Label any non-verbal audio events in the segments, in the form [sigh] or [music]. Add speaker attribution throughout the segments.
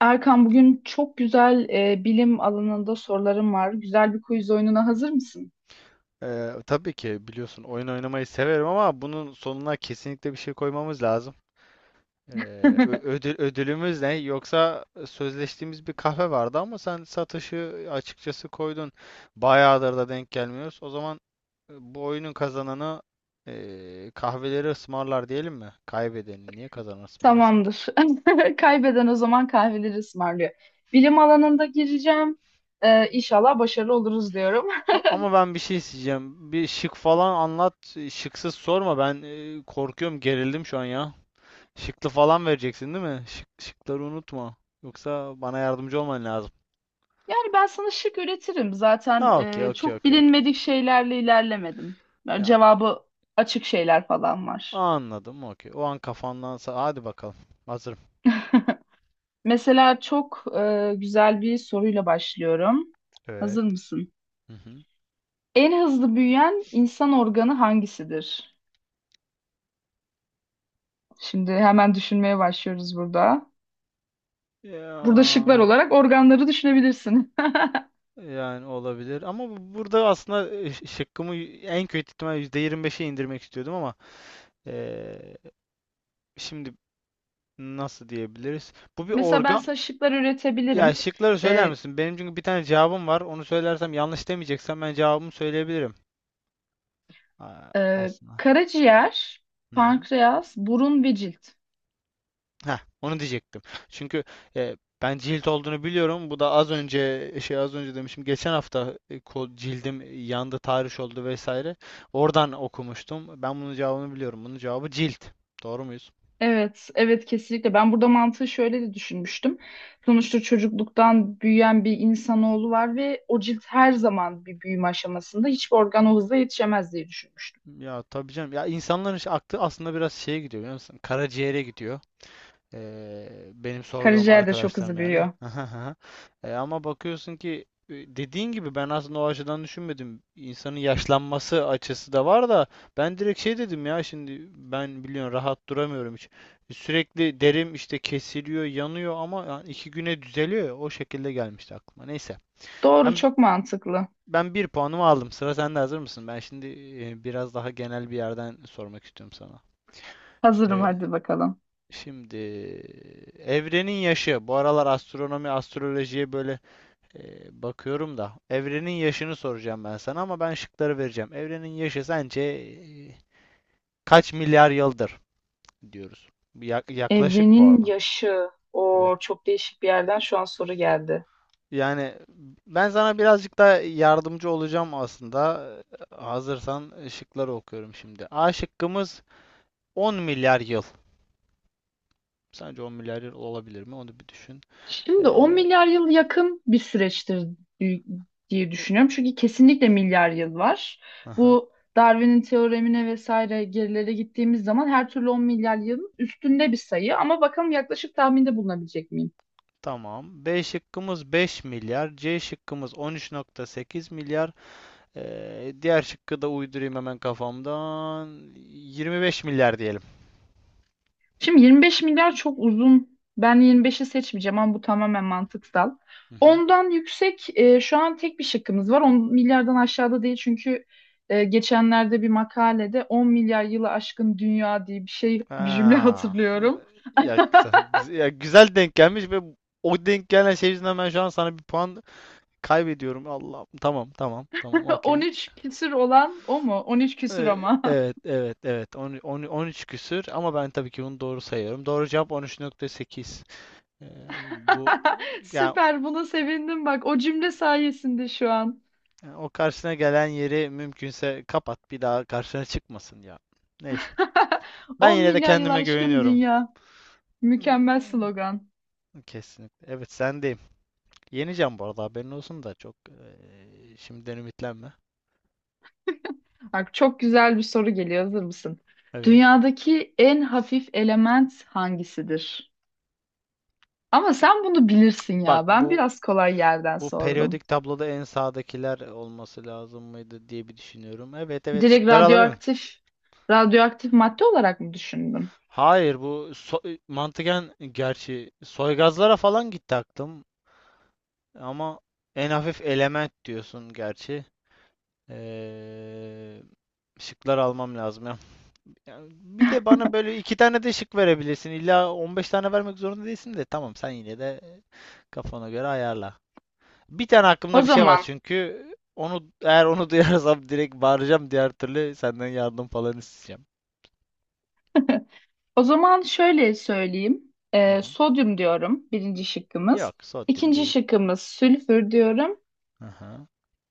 Speaker 1: Erkan bugün çok güzel bilim alanında sorularım var. Güzel bir quiz oyununa hazır mısın?
Speaker 2: Tabii ki biliyorsun oyun oynamayı severim ama bunun sonuna kesinlikle bir şey koymamız lazım. Ödülümüz ne? Yoksa sözleştiğimiz bir kahve vardı ama sen satışı açıkçası koydun. Bayağıdır da denk gelmiyoruz. O zaman bu oyunun kazananı kahveleri ısmarlar diyelim mi? Kaybedeni niye kazanan ısmarlasın ki?
Speaker 1: Tamamdır. [laughs] Kaybeden o zaman kahveleri ısmarlıyor. Bilim alanında gireceğim. İnşallah başarılı oluruz diyorum. [laughs]
Speaker 2: Ama ben bir şey isteyeceğim. Bir şık falan anlat. Şıksız sorma. Ben korkuyorum, gerildim şu an ya. Şıklı falan vereceksin değil mi? Şıkları unutma. Yoksa bana yardımcı olman lazım.
Speaker 1: Yani ben sana şık üretirim.
Speaker 2: Ha,
Speaker 1: Zaten
Speaker 2: okey, okey,
Speaker 1: çok
Speaker 2: okey, okey.
Speaker 1: bilinmedik şeylerle ilerlemedim. Yani
Speaker 2: Ya,
Speaker 1: cevabı açık şeyler falan var.
Speaker 2: anladım. Okey. O an kafandansa hadi bakalım. Hazırım.
Speaker 1: Mesela çok güzel bir soruyla başlıyorum.
Speaker 2: Evet.
Speaker 1: Hazır mısın?
Speaker 2: Hı hı.
Speaker 1: En hızlı büyüyen insan organı hangisidir? Şimdi hemen düşünmeye başlıyoruz burada.
Speaker 2: Ya,
Speaker 1: Burada şıklar olarak organları düşünebilirsin. [laughs]
Speaker 2: yani olabilir ama burada aslında şıkkımı en kötü ihtimal %25'e indirmek istiyordum ama eee, şimdi nasıl diyebiliriz? Bu bir
Speaker 1: Mesela ben
Speaker 2: organ.
Speaker 1: sana şıklar
Speaker 2: Ya,
Speaker 1: üretebilirim.
Speaker 2: şıkları söyler
Speaker 1: Ee,
Speaker 2: misin? Benim çünkü bir tane cevabım var. Onu söylersem, yanlış demeyeceksem ben cevabımı söyleyebilirim. Ha, aslında.
Speaker 1: Karaciğer,
Speaker 2: Hı hı.
Speaker 1: pankreas, burun ve cilt.
Speaker 2: Heh, onu diyecektim. Çünkü e, ben cilt olduğunu biliyorum. Bu da az önce şey az önce demişim. Geçen hafta cildim yandı, tahriş oldu vesaire. Oradan okumuştum. Ben bunun cevabını biliyorum. Bunun cevabı cilt. Doğru muyuz?
Speaker 1: Evet, evet kesinlikle. Ben burada mantığı şöyle de düşünmüştüm. Sonuçta çocukluktan büyüyen bir insanoğlu var ve o cilt her zaman bir büyüme aşamasında hiçbir organ o hızla yetişemez diye düşünmüştüm.
Speaker 2: Ya, tabii canım. Ya, insanların işte aklı aslında biraz şeye gidiyor, biliyor musun? Karaciğere gidiyor. Benim sorduğum
Speaker 1: Karaciğer de çok
Speaker 2: arkadaşlarım
Speaker 1: hızlı
Speaker 2: yani.
Speaker 1: büyüyor.
Speaker 2: [laughs] Ama bakıyorsun ki dediğin gibi, ben aslında o açıdan düşünmedim. İnsanın yaşlanması açısı da var da, ben direkt şey dedim ya, şimdi ben biliyorsun rahat duramıyorum hiç. Sürekli derim işte, kesiliyor, yanıyor ama yani 2 güne düzeliyor ya, o şekilde gelmişti aklıma. Neyse.
Speaker 1: Doğru,
Speaker 2: Ben
Speaker 1: çok mantıklı.
Speaker 2: ben bir puanımı aldım. Sıra sende, hazır mısın? Ben şimdi biraz daha genel bir yerden sormak istiyorum sana.
Speaker 1: Hazırım, hadi bakalım.
Speaker 2: Şimdi evrenin yaşı. Bu aralar astronomi, astrolojiye böyle bakıyorum da. Evrenin yaşını soracağım ben sana ama ben şıkları vereceğim. Evrenin yaşı sence kaç milyar yıldır diyoruz. Yaklaşık bu
Speaker 1: Evrenin
Speaker 2: arada.
Speaker 1: yaşı.
Speaker 2: Evet.
Speaker 1: O çok değişik bir yerden şu an soru geldi.
Speaker 2: Yani ben sana birazcık da yardımcı olacağım aslında. Hazırsan şıkları okuyorum şimdi. A şıkkımız 10 milyar yıl. Sence 10 milyar yıl olabilir mi? Onu bir düşün.
Speaker 1: Şimdi 10
Speaker 2: Ee,
Speaker 1: milyar yıl yakın bir süreçtir di- diye düşünüyorum. Çünkü kesinlikle milyar yıl var.
Speaker 2: aha.
Speaker 1: Bu Darwin'in teoremine vesaire gerilere gittiğimiz zaman her türlü 10 milyar yılın üstünde bir sayı. Ama bakalım yaklaşık tahminde bulunabilecek miyim?
Speaker 2: Tamam. B şıkkımız 5 milyar. C şıkkımız 13,8 milyar. Diğer şıkkı da uydurayım hemen kafamdan. 25 milyar diyelim.
Speaker 1: Şimdi 25 milyar çok uzun. Ben 25'i seçmeyeceğim ama bu tamamen mantıksal.
Speaker 2: Hı hı.
Speaker 1: Ondan yüksek şu an tek bir şıkkımız var. 10 milyardan aşağıda değil çünkü geçenlerde bir makalede 10 milyar yılı aşkın dünya diye bir şey bir cümle [laughs]
Speaker 2: Ha.
Speaker 1: hatırlıyorum.
Speaker 2: Ya, güzel, Ya güzel denk gelmiş ve o denk gelen şey yüzünden ben şu an sana bir puan kaybediyorum. Allah. Tamam, tamam, tamam. Okey.
Speaker 1: 13 küsür olan o mu? 13 küsür ama.
Speaker 2: Evet, evet, evet. 13 küsür ama ben tabii ki bunu doğru sayıyorum. Doğru cevap 13,8. Ee, bu
Speaker 1: [laughs]
Speaker 2: yani
Speaker 1: Süper, buna sevindim bak, o cümle sayesinde şu an.
Speaker 2: O karşısına gelen yeri mümkünse kapat. Bir daha karşına çıkmasın ya. Neyse.
Speaker 1: [laughs]
Speaker 2: Ben
Speaker 1: 10
Speaker 2: yine de
Speaker 1: milyar yıl
Speaker 2: kendime
Speaker 1: aşkın
Speaker 2: güveniyorum.
Speaker 1: dünya. Mükemmel
Speaker 2: Hmm.
Speaker 1: slogan.
Speaker 2: Kesinlikle. Evet, sendeyim. Yeneceğim bu arada, haberin olsun da, çok şimdiden ümitlenme.
Speaker 1: Bak çok güzel bir soru geliyor. Hazır mısın?
Speaker 2: Evet.
Speaker 1: Dünyadaki en hafif element hangisidir? Ama sen bunu bilirsin
Speaker 2: Bak,
Speaker 1: ya. Ben
Speaker 2: bu
Speaker 1: biraz kolay yerden
Speaker 2: bu
Speaker 1: sordum.
Speaker 2: periyodik tabloda en sağdakiler olması lazım mıydı diye bir düşünüyorum. Evet, evet,
Speaker 1: Direkt
Speaker 2: şıkları alabilir miyim?
Speaker 1: radyoaktif, radyoaktif madde olarak mı düşündün?
Speaker 2: Hayır, mantıken gerçi soygazlara falan gitti aklım. Ama en hafif element diyorsun gerçi. Ee, Şıklar almam lazım [laughs] ya. Yani bir de bana böyle iki tane de şık verebilirsin. İlla 15 tane vermek zorunda değilsin, de tamam, sen yine de kafana göre ayarla. Bir tane
Speaker 1: O
Speaker 2: aklımda bir şey var
Speaker 1: zaman,
Speaker 2: çünkü eğer onu [laughs] duyarsam direkt bağıracağım, diğer türlü senden yardım falan isteyeceğim.
Speaker 1: o zaman şöyle söyleyeyim.
Speaker 2: Hı hı.
Speaker 1: Sodyum diyorum birinci
Speaker 2: Yok,
Speaker 1: şıkkımız.
Speaker 2: sodyum
Speaker 1: İkinci
Speaker 2: değil.
Speaker 1: şıkkımız sülfür diyorum.
Speaker 2: Aha.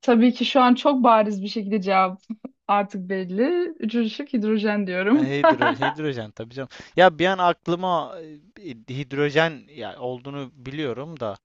Speaker 1: Tabii ki şu an çok bariz bir şekilde cevap [laughs] artık belli. Üçüncü şık hidrojen
Speaker 2: Ha,
Speaker 1: diyorum.
Speaker 2: Hidro,
Speaker 1: [laughs]
Speaker 2: hidrojen tabii canım. Ya, bir an aklıma e, hidrojen ya olduğunu biliyorum da,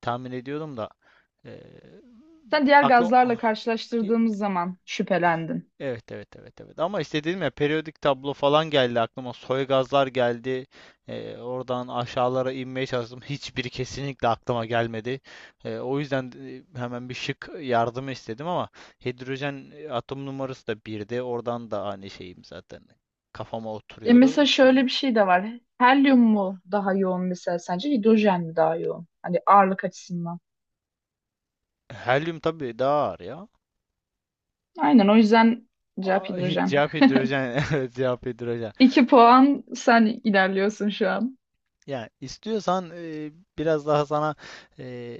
Speaker 2: tahmin ediyordum da e,
Speaker 1: Sen diğer
Speaker 2: aklım
Speaker 1: gazlarla karşılaştırdığımız zaman şüphelendin.
Speaker 2: evet, evet, evet, evet ama işte dedim ya, periyodik tablo falan geldi aklıma, soygazlar geldi. Oradan aşağılara inmeye çalıştım, [laughs] hiçbiri kesinlikle aklıma gelmedi. O yüzden hemen bir şık yardımı istedim ama hidrojen atom numarası da birdi, oradan da hani şeyim zaten kafama
Speaker 1: E
Speaker 2: oturuyordu
Speaker 1: mesela
Speaker 2: ki
Speaker 1: şöyle bir şey de var. Helyum mu daha yoğun mesela sence? Hidrojen mi daha yoğun? Hani ağırlık açısından.
Speaker 2: helyum tabii daha ağır ya.
Speaker 1: Aynen, o yüzden cevap hidrojen.
Speaker 2: Cevap hidrojen. [laughs] Evet, cevap hidrojen.
Speaker 1: [laughs] İki puan, sen ilerliyorsun şu an.
Speaker 2: Yani istiyorsan biraz daha sana e,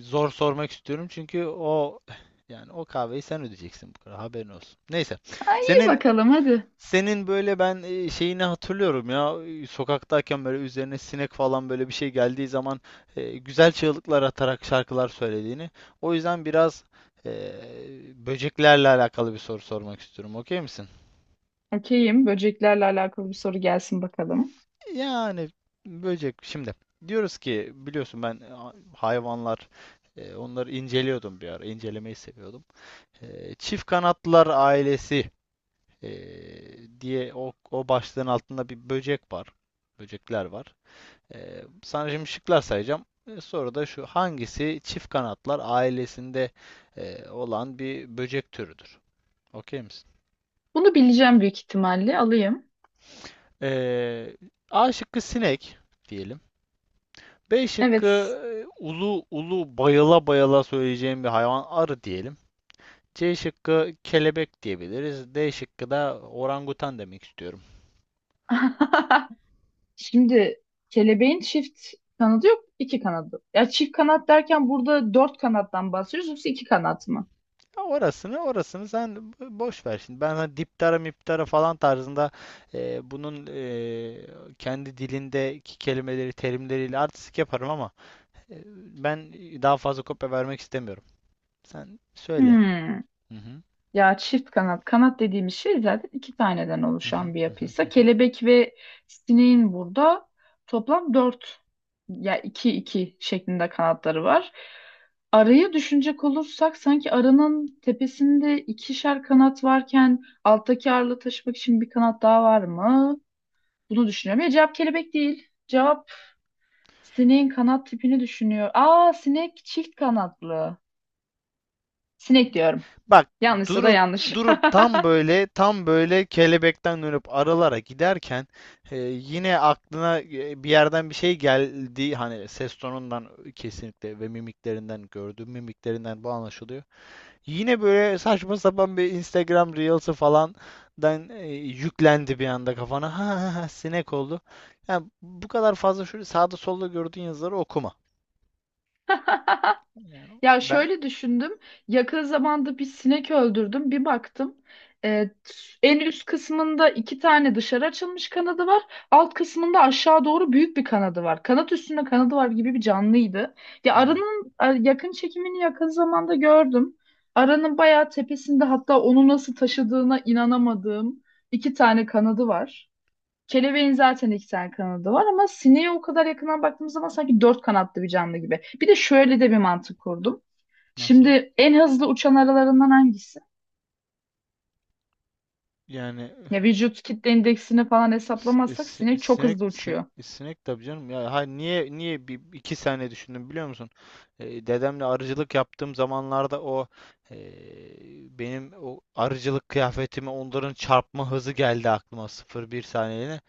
Speaker 2: zor sormak istiyorum çünkü o kahveyi sen ödeyeceksin, bu kadar haberin olsun. Neyse.
Speaker 1: Ay, iyi
Speaker 2: Senin
Speaker 1: bakalım hadi.
Speaker 2: senin böyle ben şeyini hatırlıyorum ya, sokaktayken böyle üzerine sinek falan böyle bir şey geldiği zaman güzel çığlıklar atarak şarkılar söylediğini. O yüzden biraz e, böceklerle alakalı bir soru sormak istiyorum. Okey misin?
Speaker 1: Okeyim. Böceklerle alakalı bir soru gelsin bakalım.
Speaker 2: Yani böcek, şimdi diyoruz ki biliyorsun ben hayvanlar, onları inceliyordum bir ara. İncelemeyi seviyordum. Çift Kanatlılar Ailesi e, diye, o başlığın altında bir böcek var. Böcekler var. Sana şimdi şıklar sayacağım. Sonra da şu hangisi çift kanatlılar ailesinde olan bir böcek türüdür? Okey misin?
Speaker 1: Bunu bileceğim büyük ihtimalle. Alayım.
Speaker 2: E, A şıkkı sinek diyelim. B şıkkı
Speaker 1: Evet.
Speaker 2: ulu ulu, bayıla bayıla söyleyeceğim bir hayvan, arı diyelim. C şıkkı kelebek diyebiliriz. D şıkkı da orangutan demek istiyorum.
Speaker 1: [laughs] Şimdi kelebeğin çift kanadı yok, iki kanadı. Ya çift kanat derken burada dört kanattan bahsediyoruz, yoksa iki kanat mı?
Speaker 2: Ya, orasını sen boş ver şimdi. Ben hani diptara miptara falan tarzında bunun kendi dilindeki kelimeleri, terimleriyle artistik yaparım ama e, ben daha fazla kopya vermek istemiyorum. Sen söyle.
Speaker 1: Hmm.
Speaker 2: Hı hı.
Speaker 1: Ya çift kanat, kanat dediğimiz şey zaten iki taneden
Speaker 2: Hı hı.
Speaker 1: oluşan bir
Speaker 2: Hı hı. Hı
Speaker 1: yapıysa
Speaker 2: hı.
Speaker 1: kelebek ve sineğin burada toplam dört ya iki iki şeklinde kanatları var. Arayı düşünecek olursak sanki arının tepesinde ikişer kanat varken alttaki ağırlığı taşımak için bir kanat daha var mı? Bunu düşünüyorum. Ya cevap kelebek değil. Cevap sineğin kanat tipini düşünüyor. Aa, sinek çift kanatlı. Sinek diyorum.
Speaker 2: Bak,
Speaker 1: Yanlışsa da
Speaker 2: durup
Speaker 1: yanlış.
Speaker 2: durup, tam böyle kelebekten dönüp aralara giderken, yine aklına bir yerden bir şey geldi. Hani ses tonundan kesinlikle ve mimiklerinden, gördüğüm mimiklerinden bu anlaşılıyor. Yine böyle saçma sapan bir Instagram Reels'ı falandan yüklendi bir anda kafana. Ha, ha, ha, sinek oldu. Yani bu kadar fazla şöyle sağda solda gördüğün yazıları okuma.
Speaker 1: [laughs]
Speaker 2: Yani
Speaker 1: Ya
Speaker 2: ben
Speaker 1: şöyle düşündüm. Yakın zamanda bir sinek öldürdüm. Bir baktım. e, En üst kısmında iki tane dışarı açılmış kanadı var. Alt kısmında aşağı doğru büyük bir kanadı var. Kanat üstünde kanadı var gibi bir canlıydı. Ya
Speaker 2: Hı.
Speaker 1: arının a- yakın çekimini yakın zamanda gördüm. Aranın bayağı tepesinde hatta onu nasıl taşıdığına inanamadığım iki tane kanadı var. Kelebeğin zaten iki tane kanadı var ama sineğe o kadar yakından baktığımız zaman sanki dört kanatlı bir canlı gibi. Bir de şöyle de bir mantık kurdum.
Speaker 2: Nasıl?
Speaker 1: Şimdi en hızlı uçan aralarından hangisi?
Speaker 2: Yani
Speaker 1: Ya vücut kitle indeksini falan
Speaker 2: S- e,
Speaker 1: hesaplamazsak
Speaker 2: si-
Speaker 1: sinek çok
Speaker 2: Sinek,
Speaker 1: hızlı
Speaker 2: sin-
Speaker 1: uçuyor.
Speaker 2: e, sinek, tabii canım. Ya, hayır, niye bir iki saniye düşündüm, biliyor musun? Dedemle arıcılık yaptığım zamanlarda e, benim o arıcılık kıyafetime onların çarpma hızı geldi aklıma sıfır bir saniyeliğine.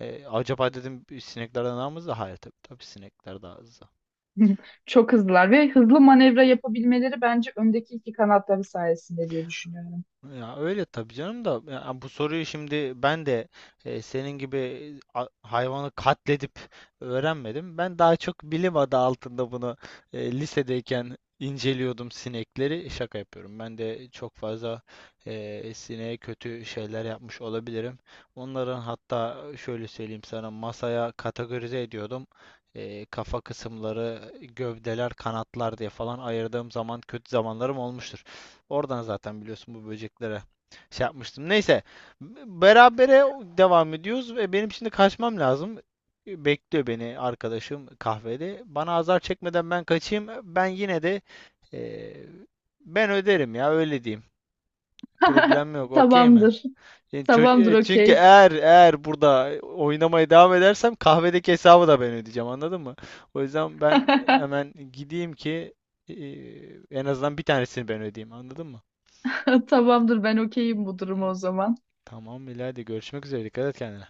Speaker 2: Acaba dedim, bir sineklerden daha mı hızlı? Hayır, tabii tabii sinekler daha hızlı.
Speaker 1: [laughs] Çok hızlılar ve hızlı manevra yapabilmeleri bence öndeki iki kanatları sayesinde diye düşünüyorum.
Speaker 2: Ya öyle tabii canım da, ya bu soruyu şimdi ben de senin gibi hayvanı katledip öğrenmedim. Ben daha çok bilim adı altında bunu lisedeyken inceliyordum sinekleri. Şaka yapıyorum. Ben de çok fazla sineğe kötü şeyler yapmış olabilirim. Onların, hatta şöyle söyleyeyim sana, masaya kategorize ediyordum. Kafa kısımları, gövdeler, kanatlar diye falan ayırdığım zaman, kötü zamanlarım olmuştur. Oradan zaten biliyorsun, bu böceklere şey yapmıştım. Neyse. Berabere devam ediyoruz ve benim şimdi kaçmam lazım. Bekliyor beni arkadaşım kahvede. Bana azar çekmeden ben kaçayım. Ben yine de e, ben öderim ya, öyle diyeyim.
Speaker 1: [laughs]
Speaker 2: Problem yok. Okey mi?
Speaker 1: Tamamdır. Tamamdır,
Speaker 2: Çünkü
Speaker 1: okey.
Speaker 2: eğer burada oynamaya devam edersem kahvedeki hesabı da ben ödeyeceğim, anladın mı? O yüzden ben
Speaker 1: [laughs]
Speaker 2: hemen gideyim ki e, en azından bir tanesini ben ödeyeyim, anladın mı?
Speaker 1: Tamamdır, ben okeyim bu duruma o zaman.
Speaker 2: Tamam İlayda, görüşmek üzere. Dikkat et kendine.